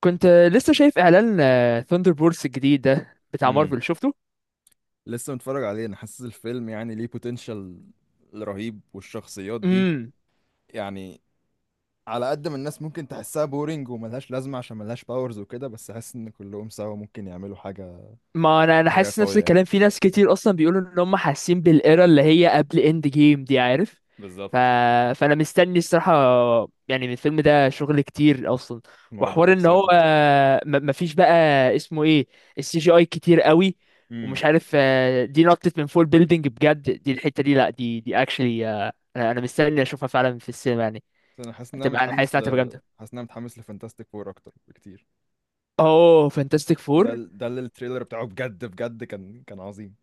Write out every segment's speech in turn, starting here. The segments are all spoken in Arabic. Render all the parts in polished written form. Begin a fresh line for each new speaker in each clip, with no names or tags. كنت لسه شايف اعلان ثاندر بولز الجديد ده بتاع
امم
مارفل شفته.
لسه متفرج عليه، انا حاسس الفيلم يعني ليه بوتنشال رهيب والشخصيات دي.
امم
يعني على قد ما الناس ممكن تحسها بورينج وملهاش لازمة عشان ملهاش باورز وكده، بس حاسس ان كلهم سوا ممكن يعملوا حاجة.
ما انا
حاجة
حاسس نفس
قوية يعني.
الكلام، في ناس كتير اصلا بيقولوا ان هم حاسين بالايرا اللي هي قبل اند جيم، دي عارف. ف...
بالظبط.
فانا مستني الصراحه، يعني من الفيلم ده شغل كتير اصلا.
الموضوع
وحوار ان هو
اكسايتنج.
ما فيش بقى، اسمه ايه، السي جي اي كتير قوي.
امم
ومش عارف، دي نطت من فول بيلدينج بجد، دي الحته دي، لا، دي اكشلي أنا مستني اشوفها فعلا في السينما يعني.
انا حاسس ان انا
هتبقى، انا حاسس
متحمس
انها
ل
هتبقى جامدة.
حاسس ان انا متحمس لفانتاستيك فور اكتر بكتير.
اوه، فانتاستيك فور.
ده اللي التريلر بتاعه بجد بجد كان عظيم.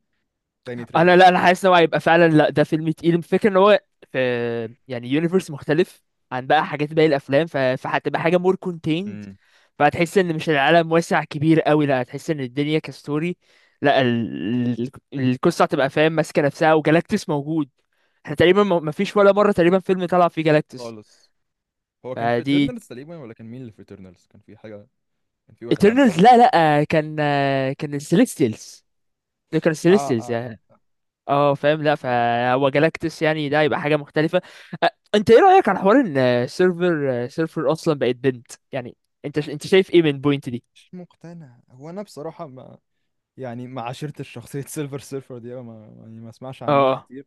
تاني
انا،
تريلر.
لا، انا حاسس ان هو هيبقى فعلا، لا، ده فيلم تقيل. الفكره ان هو في، يعني يونيفرس مختلف عن بقى حاجات باقي الافلام، فهتبقى حاجه مور كونتيند.
امم
فهتحس ان مش العالم واسع كبير قوي، لا، هتحس ان الدنيا كستوري. لا، ال- القصه هتبقى فاهم، ماسكه نفسها، وجالاكتس موجود. احنا تقريبا ما فيش ولا مره تقريبا فيلم طلع فيه جالاكتس.
خالص. هو كان في
فدي،
ايترنالز تقريبا، ولا كان مين اللي في ايترنالز؟ كان في حاجة. كان في واحد عامل اب.
ايترنالز، لا لا، كان السيليستيلز، ده كان
اه
السيليستيلز.
اه اه.
اه فاهم، لا،
اوكي.
فهو جالاكتس، يعني ده يبقى حاجه مختلفه. انت ايه رايك على حوار ان سيرفر اصلا بقت بنت يعني؟ انت شايف ايه من بوينت دي؟
مش مقتنع، هو انا بصراحة ما يعني ما عاشرتش شخصية سيلفر سيرفر دي أوي، ما يعني ما اسمعش عنها
اه
كتير.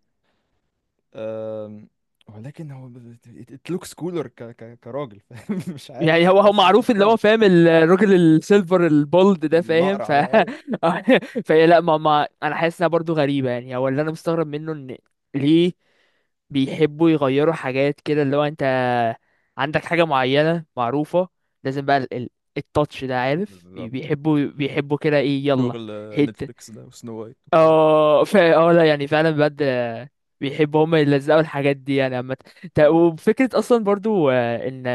أم، ولكن هو ات لوكس كولر ك ك كراجل فاهم؟ مش عارف،
يعني
مش
هو
حاسس، مش
معروف، اللي
مقتنع.
هو فاهم الراجل السيلفر البولد ده، فاهم؟
الأقرع ده ايوه.
فهي، لا، ما انا حاسس انها برضه غريبه. يعني هو اللي انا مستغرب منه، ان ليه بيحبوا يغيروا حاجات كده؟ اللي هو انت عندك حاجة معينة معروفة، لازم بقى التاتش ده، عارف؟
بالظبط.
بيحبوا كده، ايه يلا.
شغل
هيت.
نتفليكس ده وسنو وايت والكلام
اه اه، لا، يعني فعلا بجد، بيحبوا هما يلزقوا الحاجات دي يعني، عامة.
ده.
وفكرة اصلا برضو، ان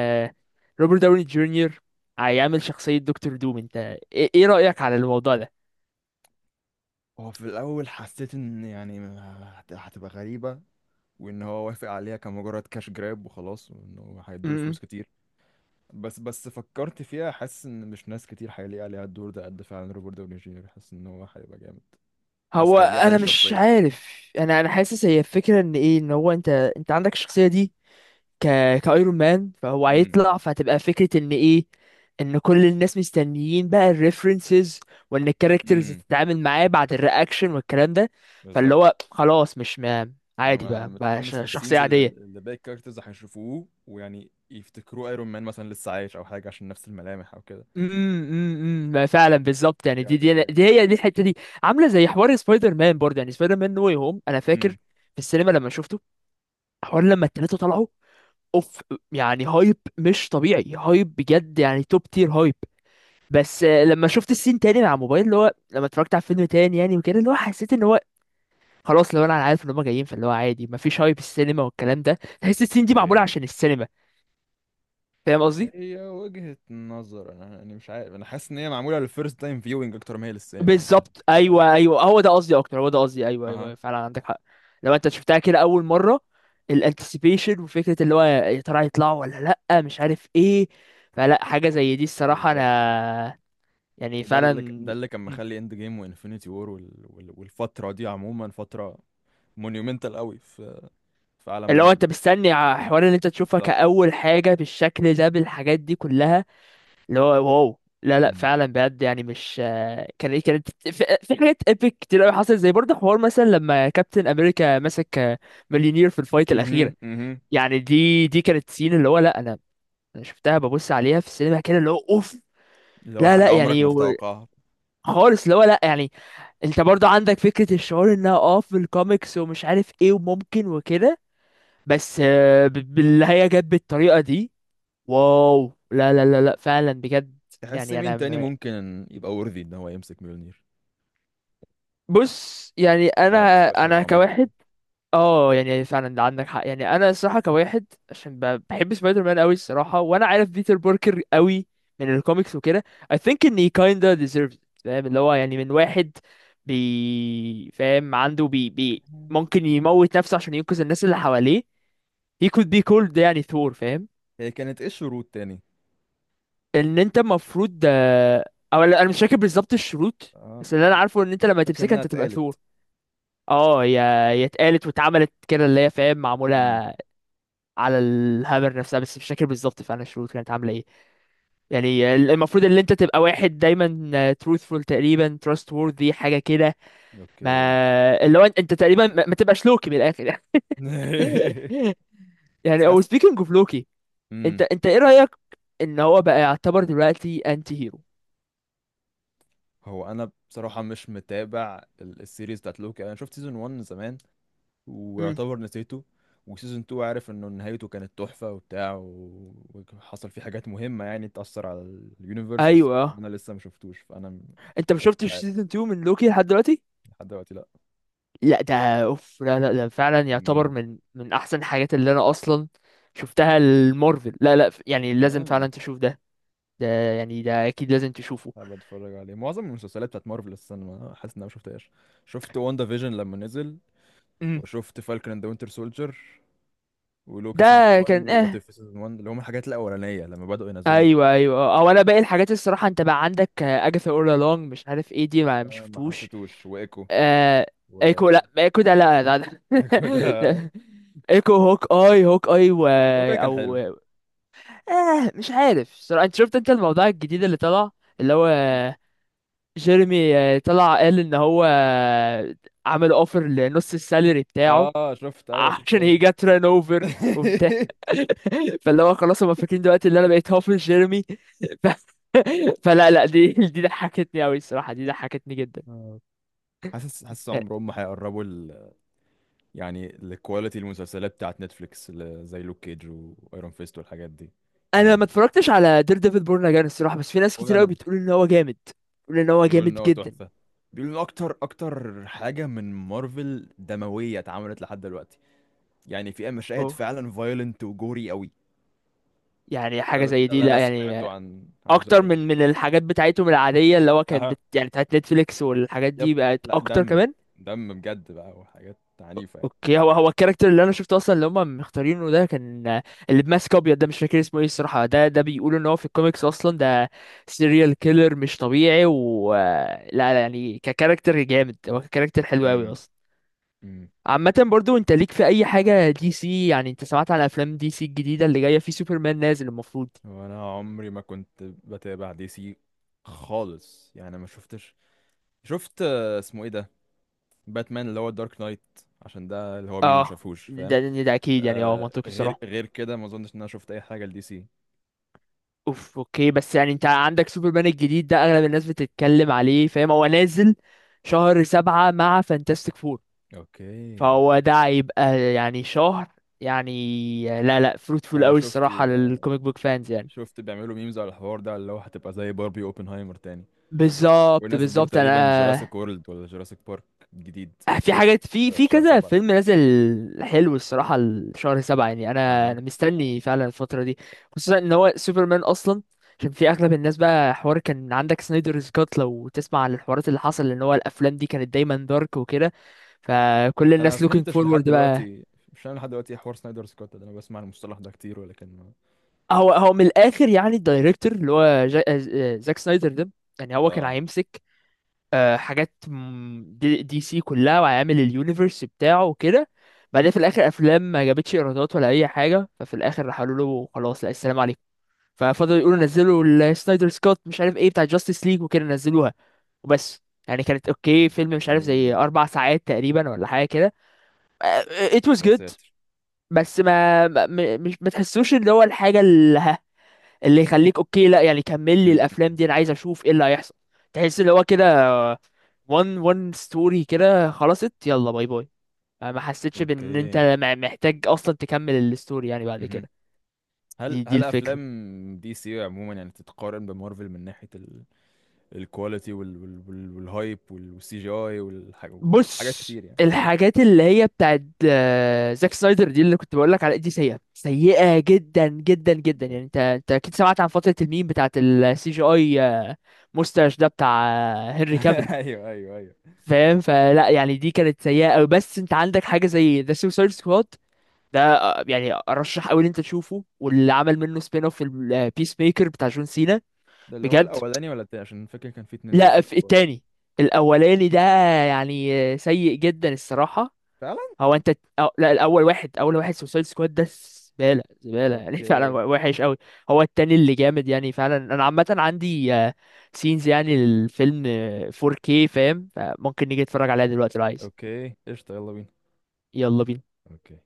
روبرت داوني جونيور هيعمل شخصية دكتور دوم، انت إيه رأيك على الموضوع ده؟
هو في الأول حسيت إن يعني هتبقى غريبة، وإن هو وافق عليها كمجرد كاش جراب وخلاص، وإنه هيدوله
امم
فلوس كتير. بس فكرت فيها، حاسس ان مش ناس كتير هيلاقي عليها الدور ده قد فعلا روبرت داوني جونيور، حاسس ان هو هيبقى جامد.
هو
حاسس هيلاقي عليه
انا مش
الشخصيه.
عارف، انا حاسس هي الفكرة ان ايه، ان هو، انت عندك الشخصية دي، ك كايرون مان، فهو
امم
هيطلع، فهتبقى فكرة ان ايه، ان كل الناس مستنيين بقى الريفرنسز، وان الكاركترز
امم
تتعامل معاه بعد الرياكشن والكلام ده. فاللي
بالظبط.
هو خلاص مش ما،
انا
عادي
أنا
بقى،
متحمس
شخصية
للسينز اللي,
عادية.
اللي باقي الكاركترز هيشوفوه ويعني يفتكروا ايرون مان مثلا لسه عايش او حاجه، عشان نفس الملامح او كده.
امم، امم، ما فعلا بالظبط، يعني
دي
دي
هتبقى
دي دي
جامده.
هي دي الحته دي. عامله زي حوار سبايدر مان برضه، يعني سبايدر مان نو واي هوم، انا فاكر
امم
في السينما لما شفته، حوار لما التلاته طلعوا، اوف. يعني هايب مش طبيعي، هايب بجد، يعني توب تير هايب. بس لما شفت السين تاني مع موبايل، اللي هو لما اتفرجت على فيلم تاني يعني وكده، اللي هو حسيت ان هو خلاص، لو انا عارف ان هم جايين، فاللي هو عادي مفيش هايب، السينما والكلام ده، تحس السين دي معموله
اوكي.
عشان السينما، فاهم قصدي؟
هي وجهة نظر، انا يعني مش عارف، انا حاسس ان هي معموله للفيرست تايم فيوينج اكتر ما هي للسينما، يعني مش
بالظبط،
فارقه.
ايوه، ايوه، هو ده قصدي اكتر، هو ده قصدي، ايوه، ايوه،
اها.
أيوه. فعلا عندك حق. لو انت شفتها كده اول مره، الانتسيبيشن وفكره اللي هو يا ترى هيطلعوا ولا لا، مش عارف ايه. فلا، حاجه زي دي الصراحه،
بالظبط.
انا، يعني فعلا.
ده اللي كان
مم.
مخلي اند جيم وانفينيتي وور والفتره دي عموما فتره مونيومنتال قوي في عالم
اللي هو
مارفل.
انت مستني حوار ان انت تشوفها
بالظبط.
كاول حاجه بالشكل ده بالحاجات دي كلها، اللي هو واو، لا لا
امم
فعلا بجد. يعني مش، كانت في، في حاجات ايبك كتير قوي حصلت، زي برضه حوار مثلا لما كابتن امريكا مسك مليونير في الفايت الاخيره.
امم امم
يعني دي كانت سين اللي هو لا، انا شفتها ببص عليها في السينما كده، اللي هو اوف.
اللي هو
لا لا
حاجه عمرك
يعني،
ما تتوقعها.
خالص، اللي هو لا يعني، انت برضو عندك فكرة، الشعور انها، في الكوميكس ومش عارف ايه، وممكن وكده. بس باللي هي جت بالطريقة دي، واو، لا لا لا لا فعلا بجد.
تحس
يعني
مين
انا
تاني ممكن يبقى worthy ان هو يمسك ميولنير؟
بص، يعني
ده
انا
ديسكشن
انا
عميق
كواحد.
شويه.
اه يعني فعلا، ده عندك حق. يعني انا الصراحه كواحد، عشان بحب سبايدر مان قوي الصراحه، وانا عارف بيتر باركر قوي من الكوميكس وكده. I think ان he kinda deserves it، فاهم اللي هو؟ يعني من واحد بي، فاهم عنده بي بي،
مم.
ممكن يموت نفسه عشان ينقذ الناس اللي حواليه، he could be called يعني ثور، فاهم؟
هي كانت ايه الشروط تاني؟
ان انت المفروض، او لا، انا مش فاكر بالظبط الشروط. بس اللي
آه،
انا عارفه، ان انت لما
فاكر
تمسكها
انها
انت تبقى ثور.
اتقالت.
اه، هي اتقالت واتعملت كده، اللي هي فاهم معموله
امم
على الهامر نفسها، بس مش فاكر بالظبط فعلا الشروط كانت عامله ايه. يعني المفروض ان انت تبقى واحد دايما truthful، تقريبا trustworthy، حاجه كده.
اوكي.
ما اللي هو انت تقريبا ما تبقاش لوكي من الاخر. يعني، او
ساعات.
speaking of لوكي، انت
امم
انت ايه رايك ان هو بقى يعتبر دلوقتي انتي هيرو؟
هو انا بصراحه مش متابع السيريز بتاعت لوكي، انا شفت سيزون 1 زمان
امم،
ويعتبر نسيته. وسيزون 2 عارف انه نهايته كانت تحفة وبتاع، وحصل فيه حاجات مهمة يعني تأثر على اليونيفرس، بس
ايوه.
انا لسه ما شفتوش، فانا مش
انت ما شفتش
عارف
سيزون 2 من لوكي لحد دلوقتي؟
لحد دلوقتي، لا.
لا، ده، اوف، لا لا، ده فعلا يعتبر
مم.
من احسن الحاجات اللي انا اصلا شفتها المارفل. لا لا يعني، لازم فعلا
اه.
تشوف ده يعني، ده اكيد لازم تشوفه.
حابب اتفرج عليه. معظم المسلسلات بتاعت مارفل السنة، ما حاسس ان انا ما شفتهاش. شفت واندا فيجن لما نزل،
امم.
وشفت فالكون اند وينتر سولجر ولوكي سيزون
ده
1
كان،
ووات اف سيزون 1، اللي هم الحاجات الاولانيه لما بداوا ينزلوا
ايوه
مسلسلات.
ايوه. او، انا باقي الحاجات الصراحه، انت بقى عندك اجاثا اورا لونج، مش عارف ايه دي، ما مش
ما
شفتوش.
حسيتوش وايكو،
آه.
و
ايكو، لا، ايكو ده، لا لا, لا.
ايكو ده
لا. ايكو، هوك اي هوك اي،
اوكي كان
او
حلو.
مش عارف صراحه. انت شفت الموضوع الجديد اللي طلع، اللي هو جيرمي، طلع قال ان هو، عمل اوفر لنص السالري بتاعه
اه شفت، ايوه خدت
عشان هي
بالي.
جت ران اوفر وبتاع. فاللي هو خلاص، هما فاكرين دلوقتي اللي انا بقيت هافل جيرمي. ف... فلا لا، دي ضحكتني قوي الصراحه، دي ضحكتني جدا.
آه. حاسس عمرهم ما هيقربوا يعني الكواليتي المسلسلات بتاعت نتفليكس، زي لوك كيج وايرون فيست والحاجات دي
انا ما
يعني.
اتفرجتش على دير ديفل بورن اجان الصراحه، بس في ناس
ولا
كتير قوي
انا.
بتقول ان هو جامد، بتقول ان هو
بيقولوا ان
جامد
هو
جدا.
تحفه. بيقولوا ان اكتر اكتر حاجه من مارفل دمويه اتعملت لحد دلوقتي، يعني فيها مشاهد
اوف،
فعلا فايلنت وجوري قوي.
يعني حاجه
ده,
زي
ده
دي،
اللي انا
لا يعني،
سمعته عن
اكتر
المسلسل.
من الحاجات بتاعتهم العاديه اللي هو كانت
اها.
يعني بتاعت نتفليكس، والحاجات
يب.
دي بقت
لا،
اكتر
دم.
كمان.
دم بجد بقى، وحاجات عنيفه يعني.
اوكي، هو الكاركتر اللي انا شفته اصلا اللي هم مختارينه ده، كان اللي بماسك ابيض ده، مش فاكر اسمه ايه الصراحه، ده، بيقولوا ان هو في الكوميكس اصلا ده سيريال كيلر مش طبيعي، و لا لا يعني، ككاركتر جامد، هو ككاركتر حلو قوي اصلا.
امم
عامة برضو، انت ليك في اي حاجة دي سي يعني؟ انت سمعت عن افلام دي سي الجديدة اللي جاية، في سوبرمان نازل المفروض.
وانا عمري ما كنت بتابع دي سي خالص، يعني ما شفتش. شفت اسمه ايه ده، باتمان اللي هو دارك نايت، عشان ده اللي هو مين ما
اه،
شافوش فاهم.
ده اكيد، يعني اه منطقي
غير
الصراحة.
كده ما اظنش ان انا شفت اي حاجه لدي سي.
اوف، اوكي، بس يعني انت عندك سوبرمان الجديد ده، اغلب الناس بتتكلم عليه، فاهم؟ هو نازل شهر سبعة مع فانتاستيك فور،
اوكي.
فهو ده هيبقى يعني شهر، يعني لا لا فروتفول
انا
قوي
شفت
الصراحة للكوميك بوك فانز يعني.
شفت بيعملوا ميمز على الحوار ده، اللي هو هتبقى زي باربي اوبنهايمر تاني.
بالظبط
ونازل برضه
بالظبط.
تقريبا
انا،
جوراسيك وورلد، ولا جوراسيك بارك جديد،
في حاجات، في
في
في
شهر
كذا
سبعة.
فيلم نازل. حلو الصراحة الشهر سبعة، يعني أنا
اها.
أنا مستني فعلا الفترة دي، خصوصا إن هو سوبرمان أصلا، عشان في أغلب الناس بقى حوار كان عندك سنايدرز كات، لو تسمع عن الحوارات اللي حصل إن هو الأفلام دي كانت دايما دارك وكده، فكل
انا ما
الناس looking
فهمتش لحد
forward بقى.
دلوقتي، مش انا لحد دلوقتي إيه حوار سنايدر سكوت ده؟ انا بسمع المصطلح ده كتير ولكن
هو من الآخر يعني، الدايركتور اللي هو زاك سنايدر ده، يعني هو كان
اه.
هيمسك، حاجات، دي سي كلها، وعامل اليونيفرس بتاعه وكده. بعدين في الاخر افلام ما جابتش ايرادات ولا اي حاجه، ففي الاخر راح قالوا له خلاص، لا، السلام عليكم. ففضلوا يقولوا نزلوا السنايدر سكوت، مش عارف ايه بتاع جاستس ليج وكده، نزلوها، وبس. يعني كانت اوكي، فيلم مش عارف زي
اوكي.
4 ساعات تقريبا ولا حاجه كده، آه، it was
يا
good.
ساتر.
بس مش ما تحسوش اللي هو الحاجه اللي يخليك اوكي، لا يعني كمل لي
مم.
الافلام دي، انا عايز اشوف ايه اللي هيحصل. تحس اللي هو كده، وان ستوري كده خلصت، يلا باي باي. ما حسيتش بان انت
اوكي.
محتاج اصلا تكمل الستوري يعني بعد
مهم.
كده.
هل
دي
هل افلام
الفكرة.
دي سي عموما يعني تتقارن بمارفل من ناحيه الكواليتي والهايب والسي جي اي، والحاجات
بص،
كتير يعني.
الحاجات اللي هي بتاعت، زاك سنايدر دي اللي كنت بقول لك على دي، سيئة سيئة جدا جدا جدا
جامد.
يعني. انت اكيد سمعت عن فترة الميم بتاعت السي جي اي، مستاش ده بتاع، هنري كافيل،
ايوه ايوه ايوه.
فاهم؟ فلا يعني، دي كانت سيئة أوي. بس انت عندك حاجة زي ذا سوسايد سكواد، ده يعني ارشح قوي ان انت تشوفه، واللي عمل منه سبين اوف البيس ميكر بتاع جون سينا،
ده اللي هو
بجد.
الاولاني ولا التاني، عشان فاكر كان في اتنين
لا،
سوسايد
في
سكواد.
التاني، الاولاني ده يعني سيء جدا الصراحة.
فعلا.
هو انت، أو لا، الاول واحد اول واحد سوسايد سكواد ده زبالة، زبالة يعني، فعلا
اوكي.
وحش قوي. هو التاني اللي جامد يعني فعلا. انا عامة عندي سينز، يعني الفيلم 4K، فاهم؟ فممكن نيجي نتفرج عليها دلوقتي لو عايز.
اوكي قشطه، يلا بينا.
يلا بينا.
اوكي.